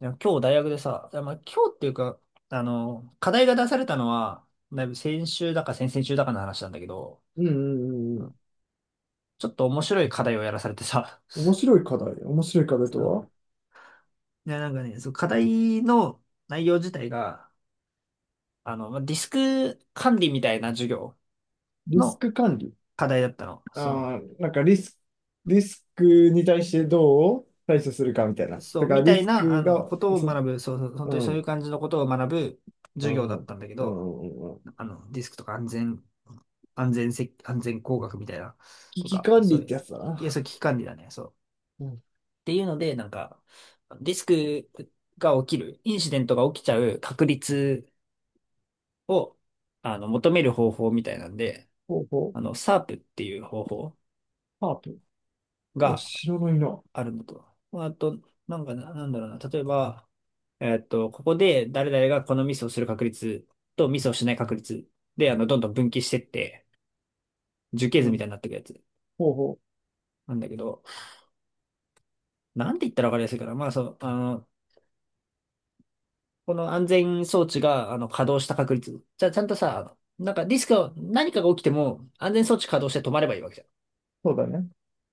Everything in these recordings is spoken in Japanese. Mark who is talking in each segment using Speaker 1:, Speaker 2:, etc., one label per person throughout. Speaker 1: いや今日大学でさ、いやまあ、今日っていうか、課題が出されたのは、だいぶ先週だか先々週だかの話なんだけど、
Speaker 2: うんうんう
Speaker 1: う
Speaker 2: ん。
Speaker 1: ん、ちょっと面白い課題をやらされてさ、
Speaker 2: 面 白い課題。面白い課題と
Speaker 1: そう
Speaker 2: は？
Speaker 1: いや、なんかね、そう、課題の内容自体が、まあディスク管理みたいな授業
Speaker 2: リス
Speaker 1: の
Speaker 2: ク管理。
Speaker 1: 課題だったの。そ
Speaker 2: ああ、リスクに対してどう対処するかみたいな。
Speaker 1: う、そ
Speaker 2: だ
Speaker 1: う、
Speaker 2: から
Speaker 1: みた
Speaker 2: リ
Speaker 1: い
Speaker 2: ス
Speaker 1: な、
Speaker 2: クが、
Speaker 1: ことを
Speaker 2: そ、
Speaker 1: 学ぶ、そう、そう本当に
Speaker 2: う
Speaker 1: そうい
Speaker 2: ん、
Speaker 1: う感じのことを学ぶ
Speaker 2: う
Speaker 1: 授業だ
Speaker 2: ん、う
Speaker 1: っ
Speaker 2: ん、
Speaker 1: たんだけ
Speaker 2: う
Speaker 1: ど、
Speaker 2: ん、うん。
Speaker 1: ディスクとか安全工学みたいな、
Speaker 2: 危
Speaker 1: と
Speaker 2: 機
Speaker 1: か、
Speaker 2: 管
Speaker 1: そ
Speaker 2: 理っ
Speaker 1: ういう、
Speaker 2: てやつだな。
Speaker 1: いや、そう危機管理だね、そう。っ
Speaker 2: うん。
Speaker 1: ていうので、なんか、ディスクが起きる、インシデントが起きちゃう確率を、求める方法みたいなんで、
Speaker 2: ほうほう。
Speaker 1: サ a っていう方法
Speaker 2: パープ。お、
Speaker 1: が
Speaker 2: 白の色。
Speaker 1: あるのと。まあと、なんかな、なんだろうな、例えば、ここで誰々がこのミスをする確率とミスをしない確率で、どんどん分岐してって、樹形
Speaker 2: う
Speaker 1: 図みた
Speaker 2: ん。
Speaker 1: いになっていくやつ
Speaker 2: ほうほう。
Speaker 1: なんだけど、なんて言ったらわかりやすいかな。まあ、そう、この安全装置が、稼働した確率。じゃあ、ちゃんとさ、なんかディスクを、何かが起きても、安全装置稼働して止まればいいわけじゃん。だ
Speaker 2: そうだね。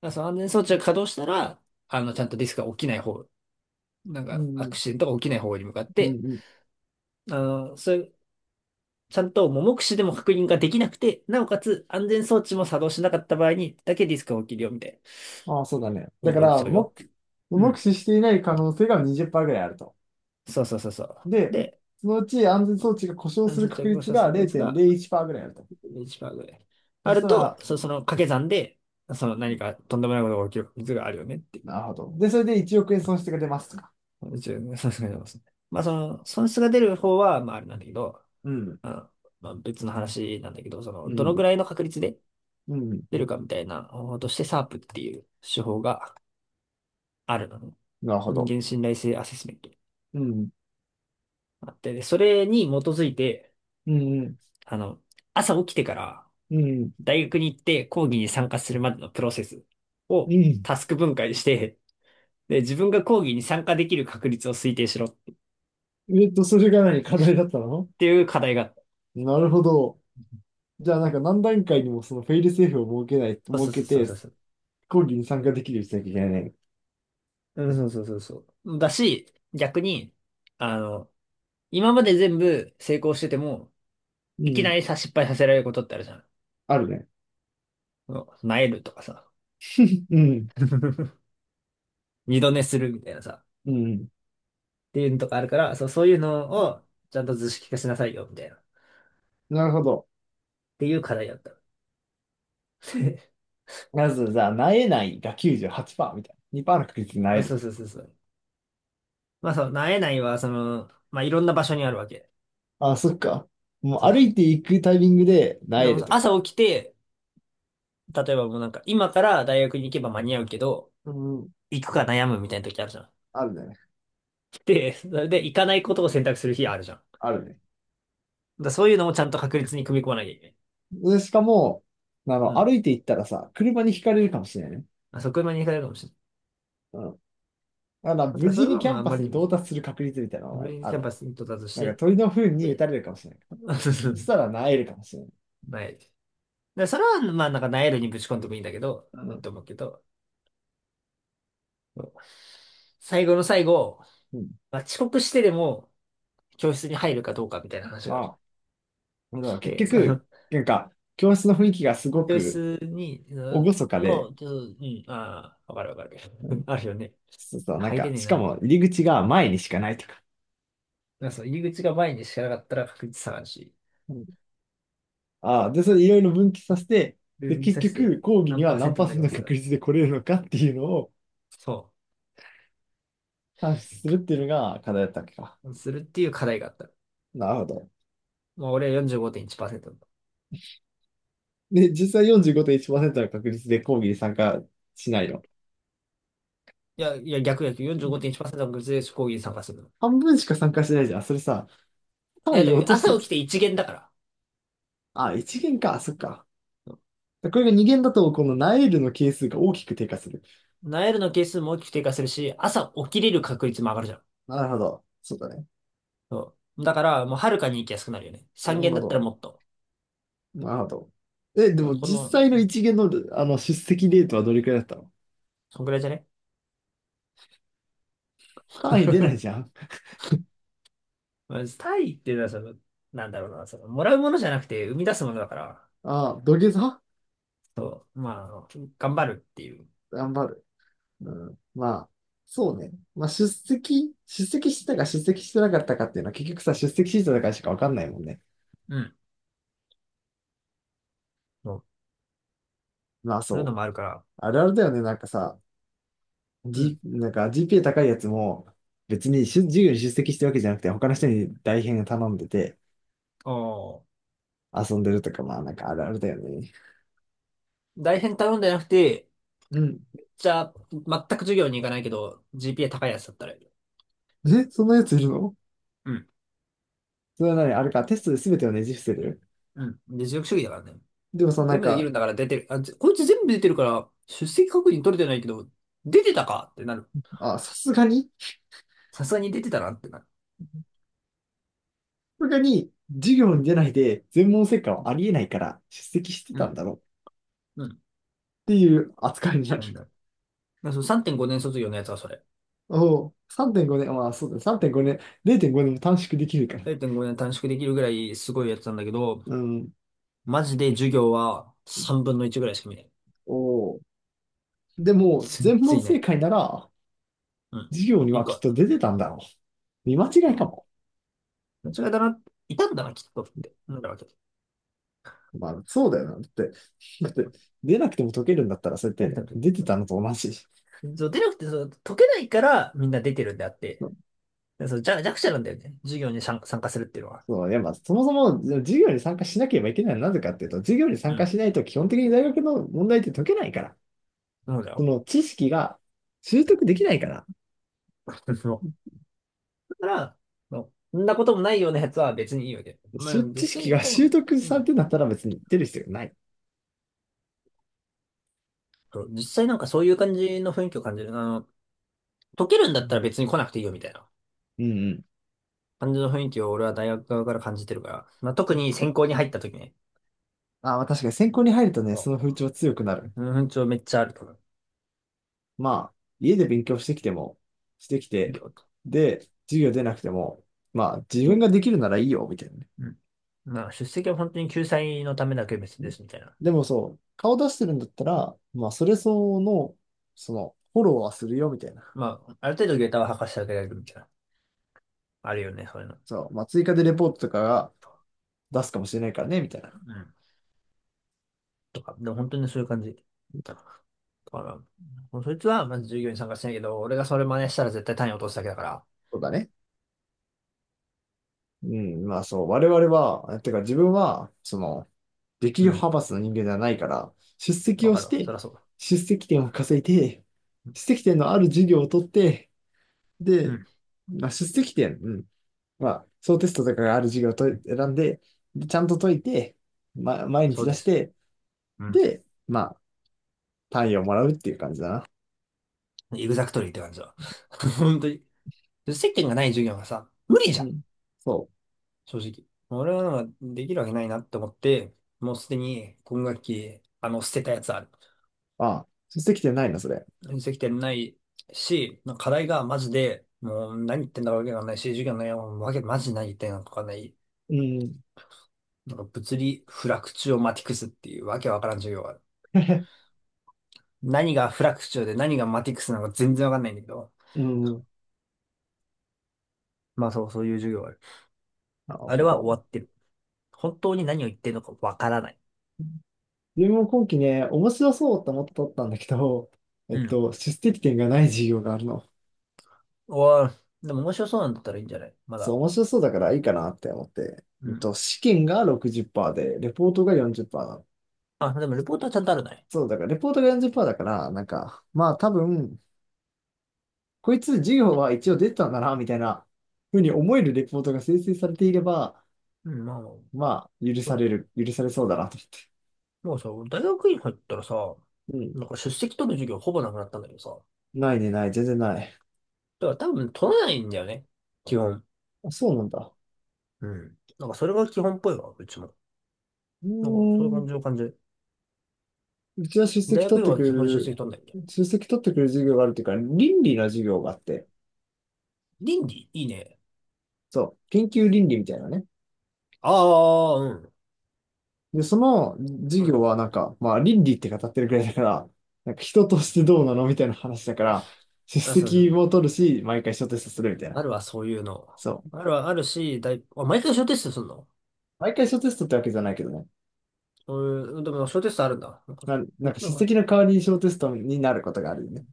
Speaker 1: からその安全装置が稼働したら、ちゃんとディスクが起きない方、なん
Speaker 2: う
Speaker 1: か、
Speaker 2: ん、
Speaker 1: ア
Speaker 2: う
Speaker 1: ク
Speaker 2: ん、
Speaker 1: シデントが起きない方に向かっ
Speaker 2: う
Speaker 1: て、
Speaker 2: ん。
Speaker 1: あの、そういう、ちゃんと目視でも確認ができなくて、なおかつ安全装置も作動しなかった場合にだけディスクが起きるよ、みたいな。
Speaker 2: ああ、そうだね。だ
Speaker 1: 何
Speaker 2: か
Speaker 1: か起き
Speaker 2: ら、
Speaker 1: ちゃうよっ
Speaker 2: 目、
Speaker 1: ていう。う
Speaker 2: 目
Speaker 1: ん。
Speaker 2: 視していない可能性が20%ぐらいあると。
Speaker 1: そうそうそうそう。
Speaker 2: で、
Speaker 1: で、
Speaker 2: そのうち安全装置が故障
Speaker 1: 安
Speaker 2: す
Speaker 1: 全
Speaker 2: る
Speaker 1: 装
Speaker 2: 確
Speaker 1: 置が
Speaker 2: 率
Speaker 1: 稼働した
Speaker 2: が
Speaker 1: 確率が、
Speaker 2: 0.01%ぐらいあると。
Speaker 1: ベンチマークで。
Speaker 2: そ
Speaker 1: あ
Speaker 2: し
Speaker 1: る
Speaker 2: た
Speaker 1: と、
Speaker 2: ら、
Speaker 1: その掛け算で、その何かとんでもないことが起きる率があるよねってい
Speaker 2: なるほど。で、それで1億円損失が出ますとか。
Speaker 1: う。一応さすがにますね。まあその、損失が出る方は、まああれなんだけど、
Speaker 2: うん、
Speaker 1: あの、まあ別の話なんだけど、そ
Speaker 2: う
Speaker 1: の、どの
Speaker 2: ん、
Speaker 1: ぐらいの確率で
Speaker 2: うん、
Speaker 1: 出るかみたいな方法として、サープっていう手法があるのね。
Speaker 2: なるほ
Speaker 1: 人
Speaker 2: ど。
Speaker 1: 間信頼性アセスメント。
Speaker 2: うん、
Speaker 1: あって、でそれに基づいて、
Speaker 2: うん、
Speaker 1: あの、朝起きてから
Speaker 2: うん、
Speaker 1: 大学に行って講義に参加するまでのプロセス
Speaker 2: う
Speaker 1: を
Speaker 2: ん。
Speaker 1: タスク分解して、で、自分が講義に参加できる確率を推定しろっ
Speaker 2: えっと、それが何課題だったの？
Speaker 1: ていう課題があっ
Speaker 2: なるほど。じゃあ、何段階にもそのフェイルセーフを設けない、
Speaker 1: た。そ
Speaker 2: 設
Speaker 1: うそ
Speaker 2: け
Speaker 1: うそう
Speaker 2: て、
Speaker 1: そうそう。
Speaker 2: 講義に参加できるようにしなきゃいけないね。
Speaker 1: うん、そうそうそうそう。だし、逆に、あの、今まで全部成功してても、
Speaker 2: う
Speaker 1: いき
Speaker 2: ん、
Speaker 1: なりさ、失敗させられることってあるじゃん。
Speaker 2: あるね。
Speaker 1: なえるとかさ、
Speaker 2: うん、
Speaker 1: 二度寝するみたいなさ、
Speaker 2: うん。
Speaker 1: っていうのとかあるから、そう、そういうのをちゃんと図式化しなさいよ、みたいな。っ
Speaker 2: なるほど。
Speaker 1: ていう課題だった。
Speaker 2: まず、じゃあ、なえないが98%みたいな。2%の確率でな
Speaker 1: あ、
Speaker 2: え
Speaker 1: そ
Speaker 2: る。
Speaker 1: うそうそうそう。まあそう、なえないは、その、まあいろんな場所にあるわけ。
Speaker 2: あ、そっか。もう
Speaker 1: その
Speaker 2: 歩いていくタイミングで、萎
Speaker 1: で
Speaker 2: える
Speaker 1: も
Speaker 2: と
Speaker 1: 朝
Speaker 2: か。
Speaker 1: 起きて、例えばもうなんか、今から大学に行けば間に合うけど、
Speaker 2: うん、
Speaker 1: 行くか悩むみたいな時あるじゃん。
Speaker 2: あるね。
Speaker 1: で、それで行かないことを選択する日あるじゃん。だか
Speaker 2: あるね。
Speaker 1: らそういうのもちゃんと確率に組み込まなきゃいけない。
Speaker 2: で、しかも、あ
Speaker 1: う
Speaker 2: の、
Speaker 1: ん。
Speaker 2: 歩いていったらさ、車にひかれるかもしれないね。
Speaker 1: まあ、そこまでいかないかもしれない。
Speaker 2: うん。だから、
Speaker 1: だか
Speaker 2: 無
Speaker 1: らそ
Speaker 2: 事
Speaker 1: れ
Speaker 2: に
Speaker 1: は
Speaker 2: キャ
Speaker 1: まあ
Speaker 2: ン
Speaker 1: あん
Speaker 2: パ
Speaker 1: ま
Speaker 2: ス
Speaker 1: り
Speaker 2: に
Speaker 1: にも
Speaker 2: 到
Speaker 1: ね、
Speaker 2: 達する確率みたいなの
Speaker 1: ブ
Speaker 2: が
Speaker 1: レインに
Speaker 2: あ
Speaker 1: キャ
Speaker 2: る
Speaker 1: ン
Speaker 2: わ
Speaker 1: パ
Speaker 2: け。
Speaker 1: スに到達し
Speaker 2: なんか、鳥の糞
Speaker 1: て、
Speaker 2: に打た
Speaker 1: で、
Speaker 2: れるかもしれない。そした ら、萎えるかもしれない。
Speaker 1: なえる。だからそれはまあなんかなえるにぶち込んでもいいんだけど、
Speaker 2: う
Speaker 1: いい
Speaker 2: ん。
Speaker 1: と思うけど、そう最後の最後、
Speaker 2: うん。
Speaker 1: まあ、遅刻してでも教室に入るかどうかみたいな話がある。
Speaker 2: まあ、だから
Speaker 1: で、
Speaker 2: 結
Speaker 1: その
Speaker 2: 局、なんか、教室の雰囲気がすご
Speaker 1: ベー
Speaker 2: く
Speaker 1: スに、う
Speaker 2: 厳
Speaker 1: ん
Speaker 2: かで、
Speaker 1: の、ちょっと、うん、ああ、わかるわかる。
Speaker 2: うん、
Speaker 1: あるよね。
Speaker 2: そうそう、なん
Speaker 1: 入れ
Speaker 2: か、
Speaker 1: ねえ
Speaker 2: しか
Speaker 1: な。
Speaker 2: も入り口が前にしかないとか。
Speaker 1: なんかそう入り口が前にしかなかったら確率下がるし、
Speaker 2: うん。ああ、で、それいろいろ分岐させて、
Speaker 1: ルー
Speaker 2: で、
Speaker 1: ムに
Speaker 2: 結
Speaker 1: さして
Speaker 2: 局、講義に
Speaker 1: 何パ
Speaker 2: は
Speaker 1: ーセン
Speaker 2: 何
Speaker 1: ト
Speaker 2: パー
Speaker 1: に
Speaker 2: セ
Speaker 1: な
Speaker 2: ン
Speaker 1: り
Speaker 2: ト
Speaker 1: ま
Speaker 2: の
Speaker 1: すか、
Speaker 2: 確率で来れるのかっていうのを
Speaker 1: そ
Speaker 2: 算出するっていうのが課題だったわけか。
Speaker 1: う。するっていう課題があった。
Speaker 2: なるほど。
Speaker 1: まあ俺は45.1%だ。
Speaker 2: で、実際45.1%の確率で講義に参加しないよ。
Speaker 1: いや、いや、逆逆、45.1%の確率で講義に参加するの。
Speaker 2: 半分しか参加してないじゃん。それさ、
Speaker 1: いや、
Speaker 2: 単位
Speaker 1: でも
Speaker 2: 落とし
Speaker 1: 朝
Speaker 2: てるじ
Speaker 1: 起き
Speaker 2: ゃん。
Speaker 1: て一限だから。
Speaker 2: あ、1限か、そっか。
Speaker 1: そう
Speaker 2: これが2限だと、このナイルの係数が大きく低下する。
Speaker 1: ナイルの係数も大きく低下するし、朝起きれる確率も上がるじゃん。
Speaker 2: なるほど。そうだね。
Speaker 1: そう。だから、もうはるかに行きやすくなるよね。
Speaker 2: な
Speaker 1: 3
Speaker 2: る
Speaker 1: 限
Speaker 2: ほ
Speaker 1: だったら
Speaker 2: ど。
Speaker 1: もっと。
Speaker 2: なるほど。え、でも
Speaker 1: この、
Speaker 2: 実
Speaker 1: う
Speaker 2: 際の
Speaker 1: ん、
Speaker 2: 1限の、あの出席レートはどれくらいだったの？
Speaker 1: そんぐらいじゃね。
Speaker 2: 単位出ないじゃ ん。
Speaker 1: まあ、タイっていうのはその、なんだろうな、その、もらうものじゃなくて生み出すものだから、
Speaker 2: ああ、土下座。
Speaker 1: そう、まあ、頑張るっていう、
Speaker 2: 頑張る。うん。まあ、そうね。まあ、出席してたか出席してなかったかっていうのは結局さ、出席してたかしかわかんないもんね。
Speaker 1: うん、そう
Speaker 2: まあ
Speaker 1: そういう
Speaker 2: そ
Speaker 1: の
Speaker 2: う。
Speaker 1: もあるから、
Speaker 2: あるあるだよね。なんかさ、
Speaker 1: うん。
Speaker 2: G、なんか GPA 高いやつも、別に授業に出席してるわけじゃなくて、他の人に代編頼んでて
Speaker 1: おー、
Speaker 2: 遊んでるとか、まあなんかあるあるだよね。
Speaker 1: 大変頼んでなくて、
Speaker 2: うん。
Speaker 1: じゃあ、全く授業に行かないけど、GPA 高いやつだったらいいよ、
Speaker 2: え、そんなやついるの？
Speaker 1: うん、
Speaker 2: それは何あれか、テストで全てをねじ伏せる。
Speaker 1: うん。で、実力主義だからね。
Speaker 2: でもさ、な
Speaker 1: 全
Speaker 2: ん
Speaker 1: 部できる
Speaker 2: か、
Speaker 1: んだから出てる。あ、こいつ全部出てるから、出席確認取れてないけど、出てたかってなる。
Speaker 2: あ、さすがに、
Speaker 1: さすがに出てたなってなる。
Speaker 2: さすがに授業
Speaker 1: う
Speaker 2: に
Speaker 1: ん、
Speaker 2: 出ないで全問正解はありえないから出席して
Speaker 1: う
Speaker 2: たん
Speaker 1: ん。
Speaker 2: だろうっ
Speaker 1: うん、
Speaker 2: ていう扱いになる。
Speaker 1: なんだう。だからその3.5年卒業のやつはそれ。
Speaker 2: おお、3.5年、まあそうだね、3.5年、0.5年も短縮できるから。
Speaker 1: 0.5年短縮できるぐらいすごいやつなんだけど、
Speaker 2: うん。
Speaker 1: マジで授業は3分の1ぐらいしか見ない。
Speaker 2: おお。でも、全
Speaker 1: 全然
Speaker 2: 問
Speaker 1: いな
Speaker 2: 正
Speaker 1: い。
Speaker 2: 解なら
Speaker 1: うん。
Speaker 2: 授業に
Speaker 1: 一
Speaker 2: は
Speaker 1: 個
Speaker 2: き
Speaker 1: あ
Speaker 2: っ
Speaker 1: っ
Speaker 2: と出てたんだろう。見間
Speaker 1: た。
Speaker 2: 違い
Speaker 1: う
Speaker 2: か
Speaker 1: ん、
Speaker 2: も。
Speaker 1: 間違いだな。いたんだな、きっとって。なんだわけ。
Speaker 2: まあそうだよな。だって、だって出なくても解けるんだったらそうや
Speaker 1: 出
Speaker 2: って
Speaker 1: なく
Speaker 2: 出てた
Speaker 1: て
Speaker 2: のと同じ。そ
Speaker 1: もそう、出なくて、そう、解けないからみんな出てるんであって、
Speaker 2: う、
Speaker 1: でそう、弱者なんだよね。授業に参加するっていうのは。
Speaker 2: そういやまあ、そもそも授業に参加しなければいけないのはなぜかっていうと、授業に
Speaker 1: う
Speaker 2: 参加
Speaker 1: ん。
Speaker 2: しないと基本的に大学の問題って解けないから。
Speaker 1: そうだ
Speaker 2: そ
Speaker 1: よ。
Speaker 2: の知識が習得できないから、
Speaker 1: そう。だから、そうそんなこともないようなやつは別にいいわけ。まあ、実
Speaker 2: 知識
Speaker 1: 際、
Speaker 2: が
Speaker 1: 多
Speaker 2: 習
Speaker 1: 分、
Speaker 2: 得
Speaker 1: う
Speaker 2: されて
Speaker 1: ん。
Speaker 2: るんだったら別に出る必要がない。
Speaker 1: そう実際なんかそういう感じの雰囲気を感じる。解けるんだ
Speaker 2: う
Speaker 1: ったら
Speaker 2: ん
Speaker 1: 別に来なくていいよみたいな
Speaker 2: うん
Speaker 1: 感じの雰囲気を俺は大学側から感じてるから、まあ、特
Speaker 2: うん。
Speaker 1: に専攻に入った時ね、
Speaker 2: あ、まあ確かに専攻に入るとね、
Speaker 1: そ
Speaker 2: その風潮強くな
Speaker 1: う
Speaker 2: る。
Speaker 1: その雰囲気はめっちゃあると思う。
Speaker 2: まあ、家で勉強してきても、してき
Speaker 1: 授
Speaker 2: て、
Speaker 1: 業と。
Speaker 2: で、授業出なくても、まあ自分ができるならいいよ、みたいなね。
Speaker 1: うん。まあ、出席は本当に救済のためだけ別
Speaker 2: う
Speaker 1: で
Speaker 2: ん。
Speaker 1: すみたいな。
Speaker 2: でもそう、顔出してるんだったら、まあそれ相応の、その、フォローはするよ、みたいな。
Speaker 1: まあ、ある程度ゲータは履かしてあげられるみたいな。あるよね、そういうの。
Speaker 2: そう、まあ追加でレポートとかが出すかもしれないからね、みたいな。
Speaker 1: うん。とか、でも本当にそういう感じ。だから、もうそいつはまず授業に参加しないけど、俺がそれ真似したら絶対単位落とすだけだから。
Speaker 2: そうだね。うん、まあそう、我々は、えてか自分は、その、力
Speaker 1: う
Speaker 2: 量
Speaker 1: ん。
Speaker 2: 派閥の人間じゃないから、出席
Speaker 1: わ
Speaker 2: を
Speaker 1: か
Speaker 2: し
Speaker 1: るわ。そ
Speaker 2: て、
Speaker 1: りゃそ
Speaker 2: 出席点を稼いで、
Speaker 1: う。
Speaker 2: 出席点のある授業を取って、
Speaker 1: う
Speaker 2: で、
Speaker 1: ん。
Speaker 2: まあ、出席点、うん、まあ、小テストとかがある授業を選んで、でちゃんと解いて、ま、毎日
Speaker 1: そう
Speaker 2: 出
Speaker 1: で
Speaker 2: し
Speaker 1: す。
Speaker 2: て、
Speaker 1: うん。
Speaker 2: で、まあ、単位をもらうっていう感じだな。
Speaker 1: エグザクトリーって感じだ。本当に。で接点がない授業がさ、無理じ
Speaker 2: う
Speaker 1: ゃん、
Speaker 2: ん。そ
Speaker 1: 正直。俺はなんかできるわけないなって思って、もうすでに今学期、捨てたやつある。
Speaker 2: う。ああ、出席点ないな、それ。
Speaker 1: 接点ないし、なんか課題がマジで、もう何言ってんだかわけがないし、授業の内容もマジ何言ってんのかわかんない。
Speaker 2: うん。
Speaker 1: なんか物理フラクチュオマティクスっていうわけわからん授業がある。何がフラクチュオで何がマティクスなのか全然わかんないんだけど。
Speaker 2: うん。
Speaker 1: まあそう、そういう授業がある。
Speaker 2: なる
Speaker 1: あれ
Speaker 2: ほ
Speaker 1: は
Speaker 2: ど。
Speaker 1: 終わってる。本当に何を言ってるのかわからない。
Speaker 2: 自分も今期ね、面白そうと思って取ったんだけど、え
Speaker 1: う
Speaker 2: っ
Speaker 1: ん。
Speaker 2: と、出席点がない授業があるの。
Speaker 1: おー、でも面白そうなんだったらいいんじゃないま
Speaker 2: そう、
Speaker 1: だ。
Speaker 2: 面白そうだからいいかなって思って。
Speaker 1: う
Speaker 2: えっ
Speaker 1: ん。
Speaker 2: と、試験が60%で、レポートが40%なの。
Speaker 1: あ、でもレポートはちゃんとあるね。
Speaker 2: そう、だからレポートが40%だから、なんか、まあ多分、こいつ授業は一応出てたんだな、みたいなふうに思えるレポートが生成されていれば、
Speaker 1: うん、まあ、
Speaker 2: まあ、
Speaker 1: そうだね、
Speaker 2: 許されそうだなと
Speaker 1: もうさ、大学院入ったらさ、
Speaker 2: 思っ
Speaker 1: なん
Speaker 2: て。
Speaker 1: か出席取る授業ほぼなくなったんだけどさ。だ
Speaker 2: うん。ないね、ない、全然ない。
Speaker 1: から多分取らないんだよね。基本。
Speaker 2: あ、そうなんだ。
Speaker 1: うん。なんかそれが基本っぽいわ、うちも。
Speaker 2: う
Speaker 1: なんかそういう
Speaker 2: ー
Speaker 1: 感
Speaker 2: ん。
Speaker 1: じの感じ。
Speaker 2: うちは出
Speaker 1: 大
Speaker 2: 席取
Speaker 1: 学
Speaker 2: っ
Speaker 1: 院
Speaker 2: て
Speaker 1: は
Speaker 2: くれ
Speaker 1: 基本出
Speaker 2: る、
Speaker 1: 席取んないんだよ。
Speaker 2: 出席取ってくれる授業があるっていうか、倫理の授業があって、
Speaker 1: 倫理いいね。
Speaker 2: そう、研究倫理みたいなね。
Speaker 1: ああ、うん。
Speaker 2: で、その授
Speaker 1: うん。
Speaker 2: 業はなんか、まあ倫理って語ってるくらいだから、なんか人としてどうなのみたいな話だから、出
Speaker 1: あ、そうそ
Speaker 2: 席
Speaker 1: う。
Speaker 2: も取るし、毎回小テストするみたいな。
Speaker 1: あるわ、そういうの。
Speaker 2: そう。
Speaker 1: あるわ、あるし、だい、あ、毎回小テストすんの、
Speaker 2: 毎回小テストってわけじゃないけどね。
Speaker 1: そういう、でも小テストあるんだ。なんか、
Speaker 2: な、
Speaker 1: こ
Speaker 2: な
Speaker 1: っ
Speaker 2: んか
Speaker 1: ちの
Speaker 2: 出
Speaker 1: 方が、
Speaker 2: 席の代わりに小テストになることがあるよね。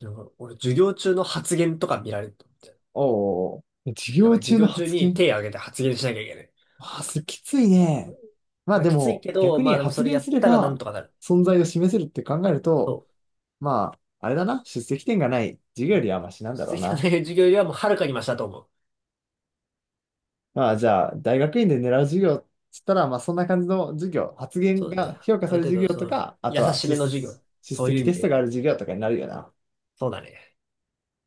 Speaker 1: なんか俺授業中の発言とか見られると。
Speaker 2: おうおうおう、授
Speaker 1: やばい、
Speaker 2: 業
Speaker 1: 授
Speaker 2: 中の
Speaker 1: 業中
Speaker 2: 発
Speaker 1: に
Speaker 2: 言？
Speaker 1: 手挙げて発言しなきゃいけない。
Speaker 2: まあ、す、きついね。まあ
Speaker 1: まあ、
Speaker 2: で
Speaker 1: きつい
Speaker 2: も、
Speaker 1: けど、
Speaker 2: 逆
Speaker 1: ま
Speaker 2: に
Speaker 1: あでもそ
Speaker 2: 発
Speaker 1: れ
Speaker 2: 言
Speaker 1: やっ
Speaker 2: すれ
Speaker 1: たらなん
Speaker 2: ば、
Speaker 1: とかなる。
Speaker 2: 存在を示せるって考えると、
Speaker 1: そ
Speaker 2: まあ、あれだな、出席点がない授業
Speaker 1: う。
Speaker 2: よりはマシなんだろう
Speaker 1: 実績の
Speaker 2: な。
Speaker 1: 授業よりはもうはるかにマシだと思う。
Speaker 2: まあ、じゃあ、大学院で狙う授業っつったら、まあ、そんな感じの授業、発
Speaker 1: そ
Speaker 2: 言
Speaker 1: うね。
Speaker 2: が評価
Speaker 1: ある
Speaker 2: される
Speaker 1: 程
Speaker 2: 授業
Speaker 1: 度、そ
Speaker 2: と
Speaker 1: の、
Speaker 2: か、あ
Speaker 1: 優
Speaker 2: とは
Speaker 1: し
Speaker 2: 出、
Speaker 1: めの授業。
Speaker 2: 出
Speaker 1: そういう
Speaker 2: 席
Speaker 1: 意味
Speaker 2: テスト
Speaker 1: で。
Speaker 2: がある授業とかになるよな。
Speaker 1: そうだね。